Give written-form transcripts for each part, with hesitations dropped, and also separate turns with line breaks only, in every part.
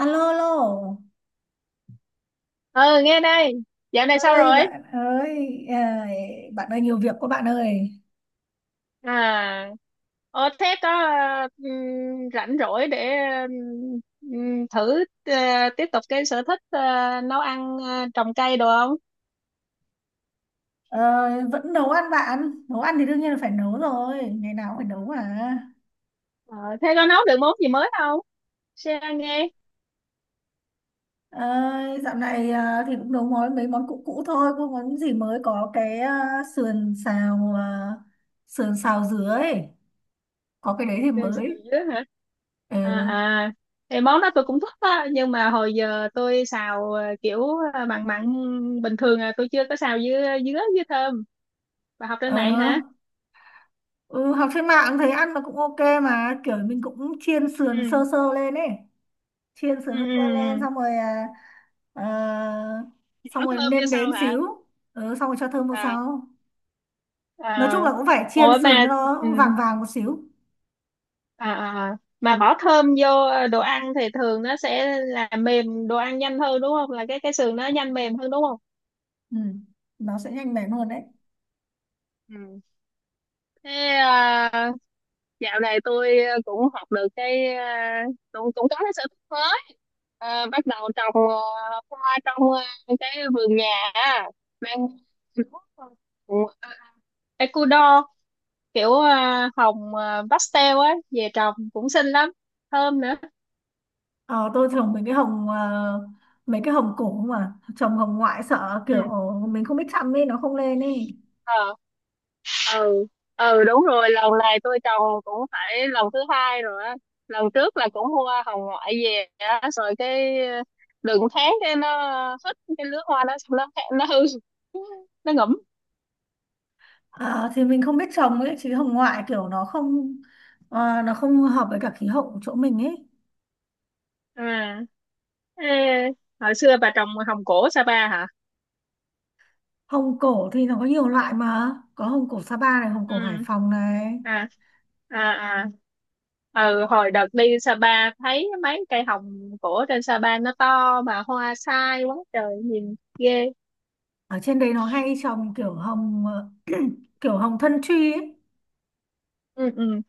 Alo, alo.
Ừ, nghe đây. Dạo này sao
Ơi
rồi?
bạn ơi, bạn ơi nhiều việc quá bạn ơi.
À, thế có rảnh rỗi để thử ờ, tiếp tục cái sở thích nấu ăn trồng cây đồ không?
Ờ, Vẫn nấu ăn bạn. Nấu ăn thì đương nhiên là phải nấu rồi, ngày nào cũng phải nấu mà.
Ờ, thế có nấu được món gì mới không? Share nghe.
Ờ, Dạo này thì cũng nấu mấy món cũ cũ thôi, không có gì mới, có cái sườn xào dứa ấy, có cái đấy thì
Đường xào
mới.
dứa hả? À,
Ừ,
à, thì món đó tôi cũng thích á, nhưng mà hồi giờ tôi xào kiểu mặn mặn bình thường, à, tôi chưa có xào dứa dứa với thơm. Bà học trên mạng
ờ,
hả?
ừ, học trên mạng thấy ăn nó cũng ok mà, kiểu mình cũng chiên sườn
Ừ.
sơ sơ lên ấy. Chiên sườn
Ừ.
sơ sơ lên,
Ừ.
ờ,
Ừ.
xong
Bỏ
rồi
thơm vô
nêm
sau
nếm
hả?
xíu, ừ, xong rồi cho thơm vào
À.
sau. Nói chung
À,
là cũng phải chiên
ủa
sườn
mà,
cho
ừ,
nó vàng vàng một xíu.
à, à, à, mà bỏ thơm vô đồ ăn thì thường nó sẽ làm mềm đồ ăn nhanh hơn, đúng không? Là cái sườn nó nhanh mềm hơn, đúng không?
Ừ, nó sẽ nhanh mẻ hơn đấy.
Ừ. Thế à, dạo này tôi cũng học được cái, cũng cũng có cái sở thích mới. À, bắt đầu trồng hoa trong cái vườn nhà á. Mang, Ừ, Ecuador kiểu hồng pastel á về trồng cũng xinh lắm, thơm nữa.
Ờ, tôi trồng mấy cái hồng cổ, mà trồng hồng ngoại sợ kiểu
Ừ.
mình không biết chăm ấy, nó không lên ấy.
Ừ, ừ, đúng rồi. Lần này tôi trồng cũng phải lần thứ hai rồi á. Lần trước là cũng mua hồng ngoại về á, rồi cái đừng tháng cái nó hết cái lứa hoa đó, xong nó hư, nó ngủm.
Ờ, thì mình không biết trồng ấy, chứ hồng ngoại kiểu nó không hợp với cả khí hậu của chỗ mình ấy.
À, ê, hồi xưa bà trồng hồng cổ Sapa hả?
Hồng cổ thì nó có nhiều loại mà, có hồng cổ Sapa này, hồng cổ Hải
Ừ,
Phòng này.
à, à, à, ừ, hồi đợt đi Sapa thấy mấy cây hồng cổ trên Sapa nó to mà hoa sai quá trời nhìn ghê.
Ở trên đấy nó hay trồng kiểu hồng thân truy ấy.
Ừ. Ừ.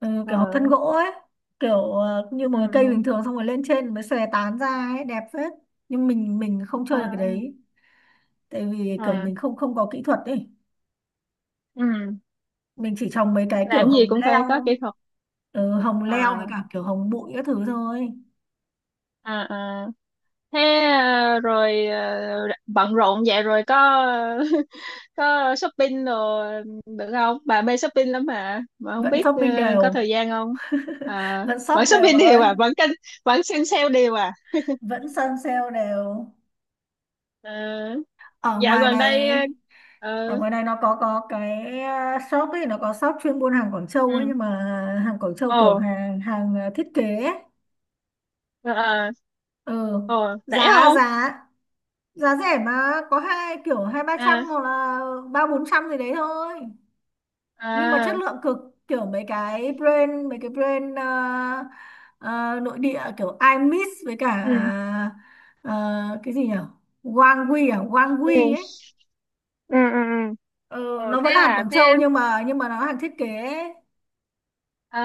Ừ,
Ờ.
kiểu hồng thân gỗ ấy, kiểu như một
Ừ.
cái cây
Ừ.
bình thường, xong rồi lên trên mới xòe tán ra ấy, đẹp phết. Nhưng mình không
Ờ,
chơi được cái đấy, tại vì kiểu
à,
mình không không có kỹ thuật ấy.
ừ.
Mình chỉ trồng mấy cái kiểu
Làm gì
hồng
cũng phải có
leo,
kỹ thuật.
ừ, hồng leo với
À.
cả kiểu hồng bụi các thứ thôi.
À. À, thế à, rồi bận rộn vậy rồi có có shopping rồi được không, bà mê shopping lắm mà không
Vẫn
biết
shopping
có
đều.
thời gian không? À,
Vẫn shop
vẫn
đều
shopping
bà
đều,
ơi.
à, vẫn kênh. Vẫn xem sale đều à?
Vẫn săn sale đều.
Ờ,
ở
dạo
ngoài
gần
này
đây, ờ,
ở ngoài này nó có cái shop ấy, nó có shop chuyên buôn hàng Quảng
ừ,
Châu ấy, nhưng mà hàng Quảng Châu
ồ,
kiểu hàng hàng thiết kế ấy.
ờ, ờ,
Ừ,
ồ, rẻ
giá
không?
giá giá rẻ mà, có hai kiểu hai ba trăm
À.
hoặc là ba bốn trăm gì đấy thôi, nhưng mà chất
À.
lượng cực, kiểu mấy cái brand nội địa, kiểu iMix với cả
Ừ.
cái gì nhỉ, Wangwi à,
Ừ.
Wangwi ấy.
Ừ. Ừ. Ừ.
Ừ,
Ồ,
nó
thế
vẫn là hàng
à?
Quảng
Thế,
Châu, nhưng mà nó hàng thiết kế ấy.
à,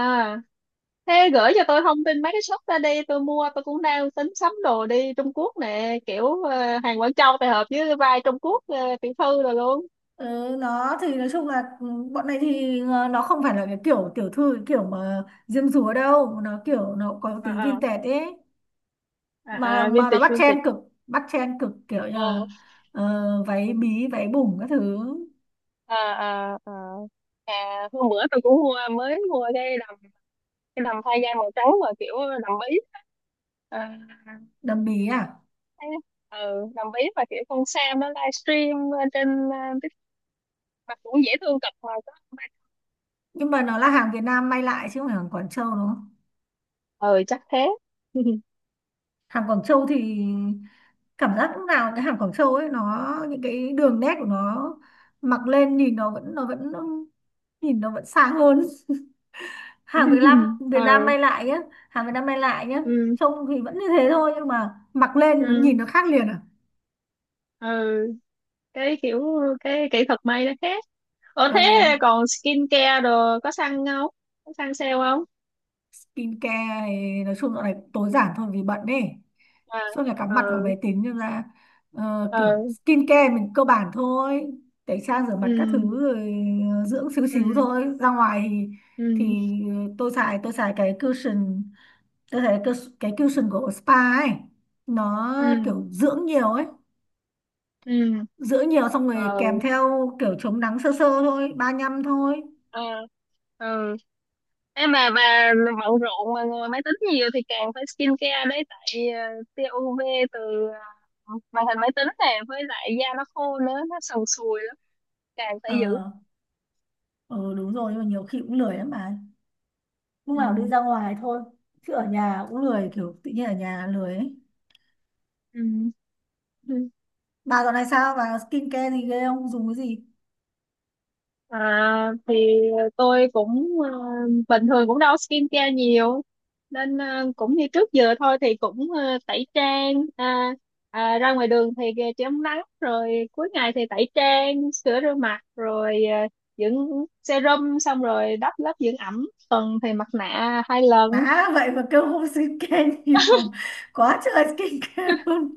thế gửi cho tôi thông tin mấy cái shop ra đi, tôi mua. Tôi cũng đang tính sắm đồ đi Trung Quốc nè, kiểu hàng Quảng Châu tài hợp với vai Trung Quốc tiểu thư rồi luôn.
Ừ, nó thì nói chung là ừ, bọn này thì nó không phải là cái kiểu tiểu thư, cái kiểu mà diêm dúa đâu, nó kiểu nó có tí
À. À.
vintage ấy, mà
À. À,
mà nó
vintage
bắt
vintage.
trend cực. Bắt trend cực kiểu như
Ờ.
là váy bí váy bùng các thứ.
À. À. À. à hôm bữa tôi cũng mua, mới mua cái đầm thay da màu trắng, mà kiểu đầm bí. À,
Đầm bí à?
thế- ừ, đầm bí và kiểu con Sam nó livestream lên trên TikTok mà cũng dễ thương cực mà có.
Nhưng mà nó là hàng Việt Nam may lại chứ không phải hàng Quảng Châu, đúng không?
Ừ, chắc thế. Ừ.
Hàng Quảng Châu thì cảm giác lúc nào cái hàng Quảng Châu ấy, nó những cái đường nét của nó mặc lên nhìn nó vẫn sang hơn. Hàng Việt Nam may lại nhá. Hàng Việt Nam may lại nhá.
Ừ.
Trông thì vẫn như thế thôi, nhưng mà mặc lên nó nhìn
Ừ.
nó khác liền à.
Ừ. cái kiểu cái kỹ thuật may nó khác. Ủa
Ừ.
thế, còn skin care đồ có săn không? Có săn sale không?
Skincare thì nói chung dạo này tối giản thôi vì bận ấy,
À.
suốt ngày cắm mặt vào
Ừ.
máy tính nên là kiểu
Ừ.
skincare mình cơ bản thôi, tẩy trang rửa mặt các thứ
Ừ.
rồi, dưỡng xíu xíu
Ừ.
thôi, ra ngoài thì
Ừ.
tôi xài cái cushion. Tôi thấy cái, cushion của spa ấy nó
Ừ.
kiểu dưỡng nhiều ấy,
Ừ. Ừ.
dưỡng nhiều xong rồi kèm theo kiểu chống nắng sơ sơ thôi, 35 thôi.
Ừ. Ừ. Em mà bà bận rộn mà ngồi máy tính nhiều thì càng phải skin care đấy. Tại tia UV từ màn hình máy tính này, với lại da nó khô nữa, nó sần sùi lắm, càng phải
ờ
giữ.
ừ, đúng rồi, nhưng mà nhiều khi cũng lười lắm mà, lúc
Ừ.
nào đi ra ngoài thôi, chứ ở nhà cũng lười, kiểu tự nhiên ở nhà lười ấy.
Ừ.
Bà dạo này sao, bà skincare gì ghê không, dùng cái gì?
À, thì tôi cũng bình thường cũng đâu skincare nhiều. Nên cũng như trước giờ thôi, thì cũng tẩy trang, ra ngoài đường thì chống nắng, rồi cuối ngày thì tẩy trang, sữa rửa mặt, rồi dưỡng serum, xong rồi đắp lớp dưỡng ẩm, tuần thì mặt nạ 2 lần.
Má, vậy mà kêu không skincare nhiều, quá trời skincare luôn.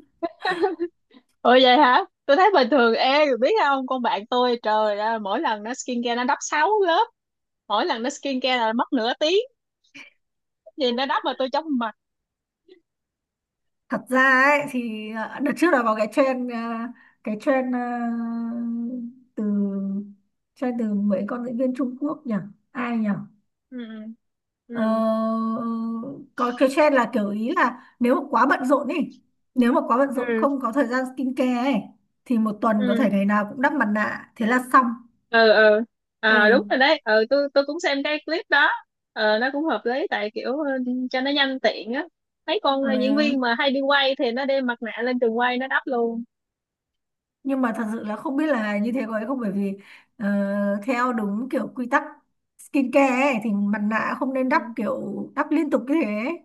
Ủa vậy hả? Tôi thấy bình thường. Ê, biết không, con bạn tôi trời ơi, mỗi lần nó skincare nó đắp 6 lớp. Mỗi lần nó skincare là mất nửa tiếng, vì nó đắp mà tôi chóng mặt.
Thật ra ấy thì đợt trước là có cái cái trend ờ, từ trend từ mấy con diễn viên Trung Quốc nhỉ, ai nhỉ?
Ừ.
Ờ,
Ừ.
ừ, có stress là kiểu, ý là nếu mà quá bận rộn ấy, nếu mà quá bận rộn
Ừ.
không có thời gian skincare ấy, thì một tuần có
Ừ.
thể ngày nào cũng đắp mặt nạ thế là xong.
Ừ. Ừ.
Ừ,
À, đúng rồi đấy. Ừ, tôi cũng xem cái clip đó. Nó cũng hợp lý, tại kiểu, ừ, cho nó nhanh tiện á. Mấy con diễn
ừ.
viên mà hay đi quay thì nó đem mặt nạ lên trường quay nó đắp luôn.
Nhưng mà thật sự là không biết là như thế có hay không, bởi vì ờ, theo đúng kiểu quy tắc skincare ấy, thì mặt nạ không nên đắp
Ừ.
kiểu đắp liên tục như thế ấy,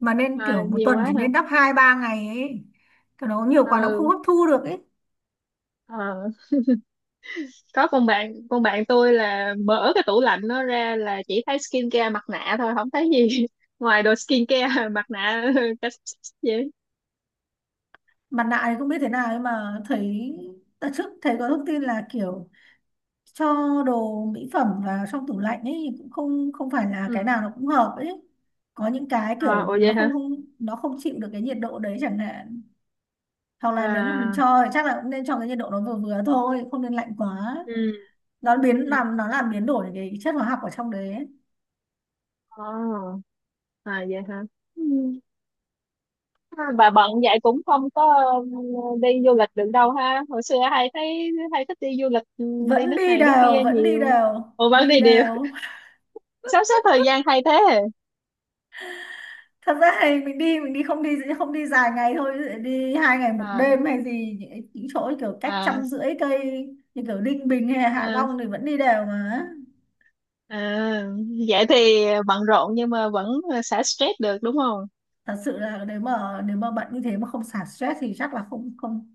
mà nên
À,
kiểu một
nhiều
tuần
quá
chỉ
hả?
nên đắp hai ba ngày ấy. Còn nó nhiều quá nó cũng không
Ừ.
hấp thu được ấy.
Ờ. Có con bạn tôi là mở cái tủ lạnh nó ra là chỉ thấy skincare mặt nạ thôi, không thấy gì ngoài đồ skincare mặt nạ cái gì.
Mặt nạ thì không biết thế nào, nhưng mà thấy đợt trước thấy có thông tin là kiểu cho đồ mỹ phẩm vào trong tủ lạnh ấy thì cũng không không phải là cái
Ừ.
nào nó cũng hợp ấy. Có những cái
À,
kiểu
ủa vậy
nó
hả?
không không nó không chịu được cái nhiệt độ đấy chẳng hạn, hoặc là nếu mà mình
À.
cho thì chắc là cũng nên cho cái nhiệt độ nó vừa vừa thôi, không nên lạnh quá,
Ừ.
nó biến
Ừ.
làm nó làm biến đổi cái chất hóa học ở trong đấy ấy.
Ồ. À vậy hả? Ừ. À, bà bận vậy cũng không có, ừ, đi du lịch được đâu ha, hồi xưa hay thấy hay thích đi du lịch, ừ, đi
Vẫn
nước
đi
này nước
đều,
kia
vẫn đi
nhiều.
đều,
Ủa vẫn
đi
đi đều?
đều.
Sắp xếp thời gian hay thế.
Thật ra thì mình đi không đi không đi dài ngày thôi, ví dụ đi hai ngày một
À.
đêm hay gì, những chỗ kiểu cách
À.
trăm rưỡi cây như kiểu Ninh Bình hay Hạ
À.
Long thì vẫn đi đều mà.
À. Vậy thì bận rộn nhưng mà vẫn xả stress được, đúng không?
Thật sự là nếu mà bận như thế mà không xả stress thì chắc là không không,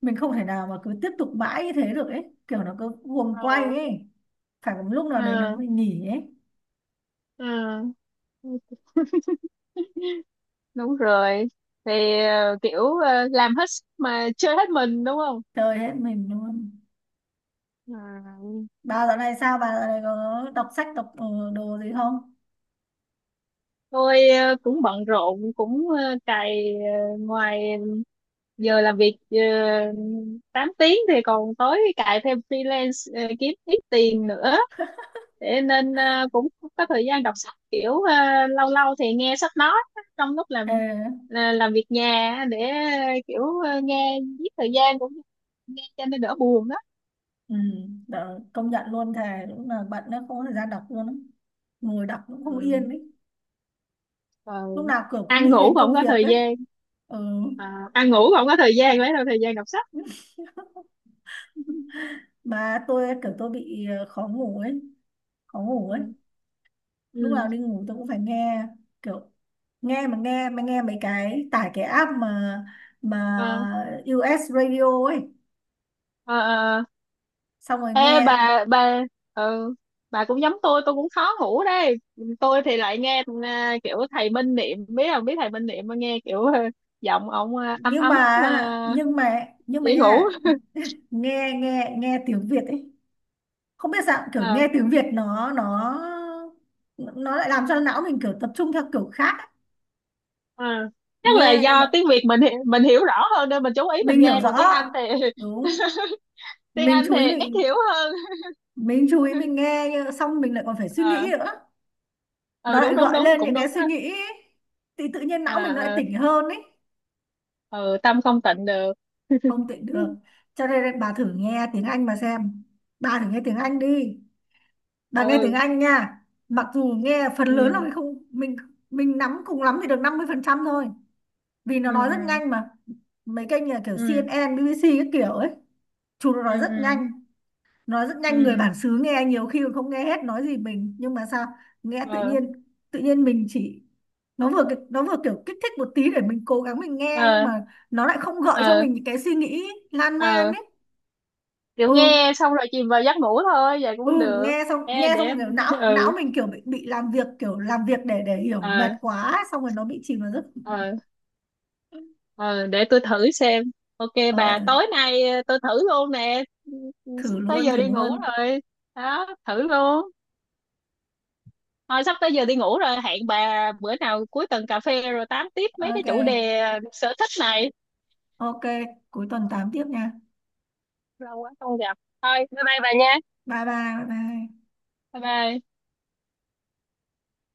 mình không thể nào mà cứ tiếp tục mãi như thế được ấy, kiểu nó cứ guồng
Ờ.
quay ấy, phải có một lúc nào đấy
Ờ.
nó mới nghỉ ấy.
Ờ. Đúng rồi, thì kiểu làm hết sức mà chơi hết mình, đúng không?
Chơi hết mình luôn.
Ừ.
Bà dạo này có đọc sách đọc đồ gì không?
Tôi cũng bận rộn, cũng cày ngoài giờ làm việc 8 tiếng, thì còn tối cày thêm freelance kiếm ít tiền nữa. Thế nên cũng không có thời gian đọc sách, kiểu lâu lâu thì nghe sách nói trong lúc
Ờ
làm, làm việc nhà á, để kiểu nghe giết thời gian, cũng nghe cho nên đỡ buồn đó.
Ừ, đó, công nhận luôn, thề lúc nào bận nó không có thời gian đọc luôn á. Ngồi đọc cũng không
Ừ.
yên ấy, lúc
Rồi
nào kiểu cũng
ăn ngủ
nghĩ
cũng
đến
không
công
có
việc
thời
ấy.
gian,
Ừ,
à, ăn ngủ cũng không có thời gian, lấy đâu thời gian đọc sách.
mà tôi kiểu tôi bị khó ngủ ấy, khó ngủ
Ừ.
ấy. Lúc
Ừ.
nào đi ngủ tôi cũng phải nghe, kiểu nghe mấy cái tải cái app mà
À.
US Radio ấy,
À. À.
xong rồi
Ê,
nghe.
bà, ừ, bà cũng giống tôi cũng khó ngủ đây. Tôi thì lại nghe kiểu thầy Minh Niệm, biết không, biết thầy Minh Niệm mà nghe kiểu giọng ông ấm
nhưng
ấm mà
mà nhưng mà nhưng mà
dễ ngủ.
nha, nghe nghe nghe tiếng Việt ấy, không biết sao kiểu
À.
nghe tiếng Việt nó nó lại làm cho não mình kiểu tập trung theo kiểu khác ấy.
À. Chắc là
Nghe nhưng
do
mà
tiếng Việt mình mình hiểu rõ hơn nên mình chú ý
mình
mình
hiểu
nghe,
rõ,
còn tiếng Anh thì
đúng,
tiếng
mình
Anh
chú
thì
ý
ít
mình
hiểu hơn.
mình chú ý nghe nhưng xong mình lại còn phải suy
Ờ.
nghĩ nữa, nó
Ừ,
lại
đúng đúng
gọi
đúng,
lên
cũng
những cái
đúng đó.
suy nghĩ ấy, thì tự nhiên não mình nó lại
À. À.
tỉnh hơn ấy.
Ừ, tâm không tịnh được.
Không tỉnh
Ừ.
được. Cho nên bà thử nghe tiếng Anh mà xem, bà thử nghe tiếng Anh đi, bà nghe tiếng
Ừ.
Anh nha, mặc dù nghe phần lớn là
Ừ.
mình không mình mình nắm cùng lắm thì được 50% thôi, vì nó
Ừ.
nói rất nhanh mà. Mấy kênh như là kiểu C N
Ừ.
N, BBC các kiểu ấy, chúng nó nói rất
Ừ.
nhanh. Nói rất nhanh, người
Ừ.
bản xứ nghe nhiều khi còn không nghe hết nói gì mình, nhưng mà sao nghe
Ừ.
tự
Ờ.
nhiên, tự nhiên mình chỉ, nó vừa nó vừa kiểu kích thích một tí để mình cố gắng mình nghe, nhưng
Ờ.
mà nó lại không gợi cho
Ờ.
mình những cái suy nghĩ lan man
Ờ,
ấy.
kiểu
Ừ,
nghe xong rồi chìm vào giấc ngủ thôi, vậy cũng
ừ,
được.
nghe xong
Ê,
nghe xong
để
kiểu não não
ừ,
mình kiểu bị làm việc để hiểu,
ờ,
mệt quá ấy, xong rồi nó bị chìm vào giấc.
ờ, ờ, để tôi thử xem. OK
Ờ,
bà,
Thử,
tối nay tôi thử luôn nè. Ừ, ừ, sắp
thử
tới
luôn,
giờ
thử
đi ngủ
luôn.
rồi, đó thử luôn. Thôi, sắp tới giờ đi ngủ rồi, hẹn bà bữa nào cuối tuần cà phê rồi tám tiếp mấy cái
Ok.
chủ đề sở thích này.
Ok, cuối tuần 8 tiếp nha.
Lâu quá không gặp. Thôi bye bye bà nha.
Bye bye, bye bye.
Bye bye.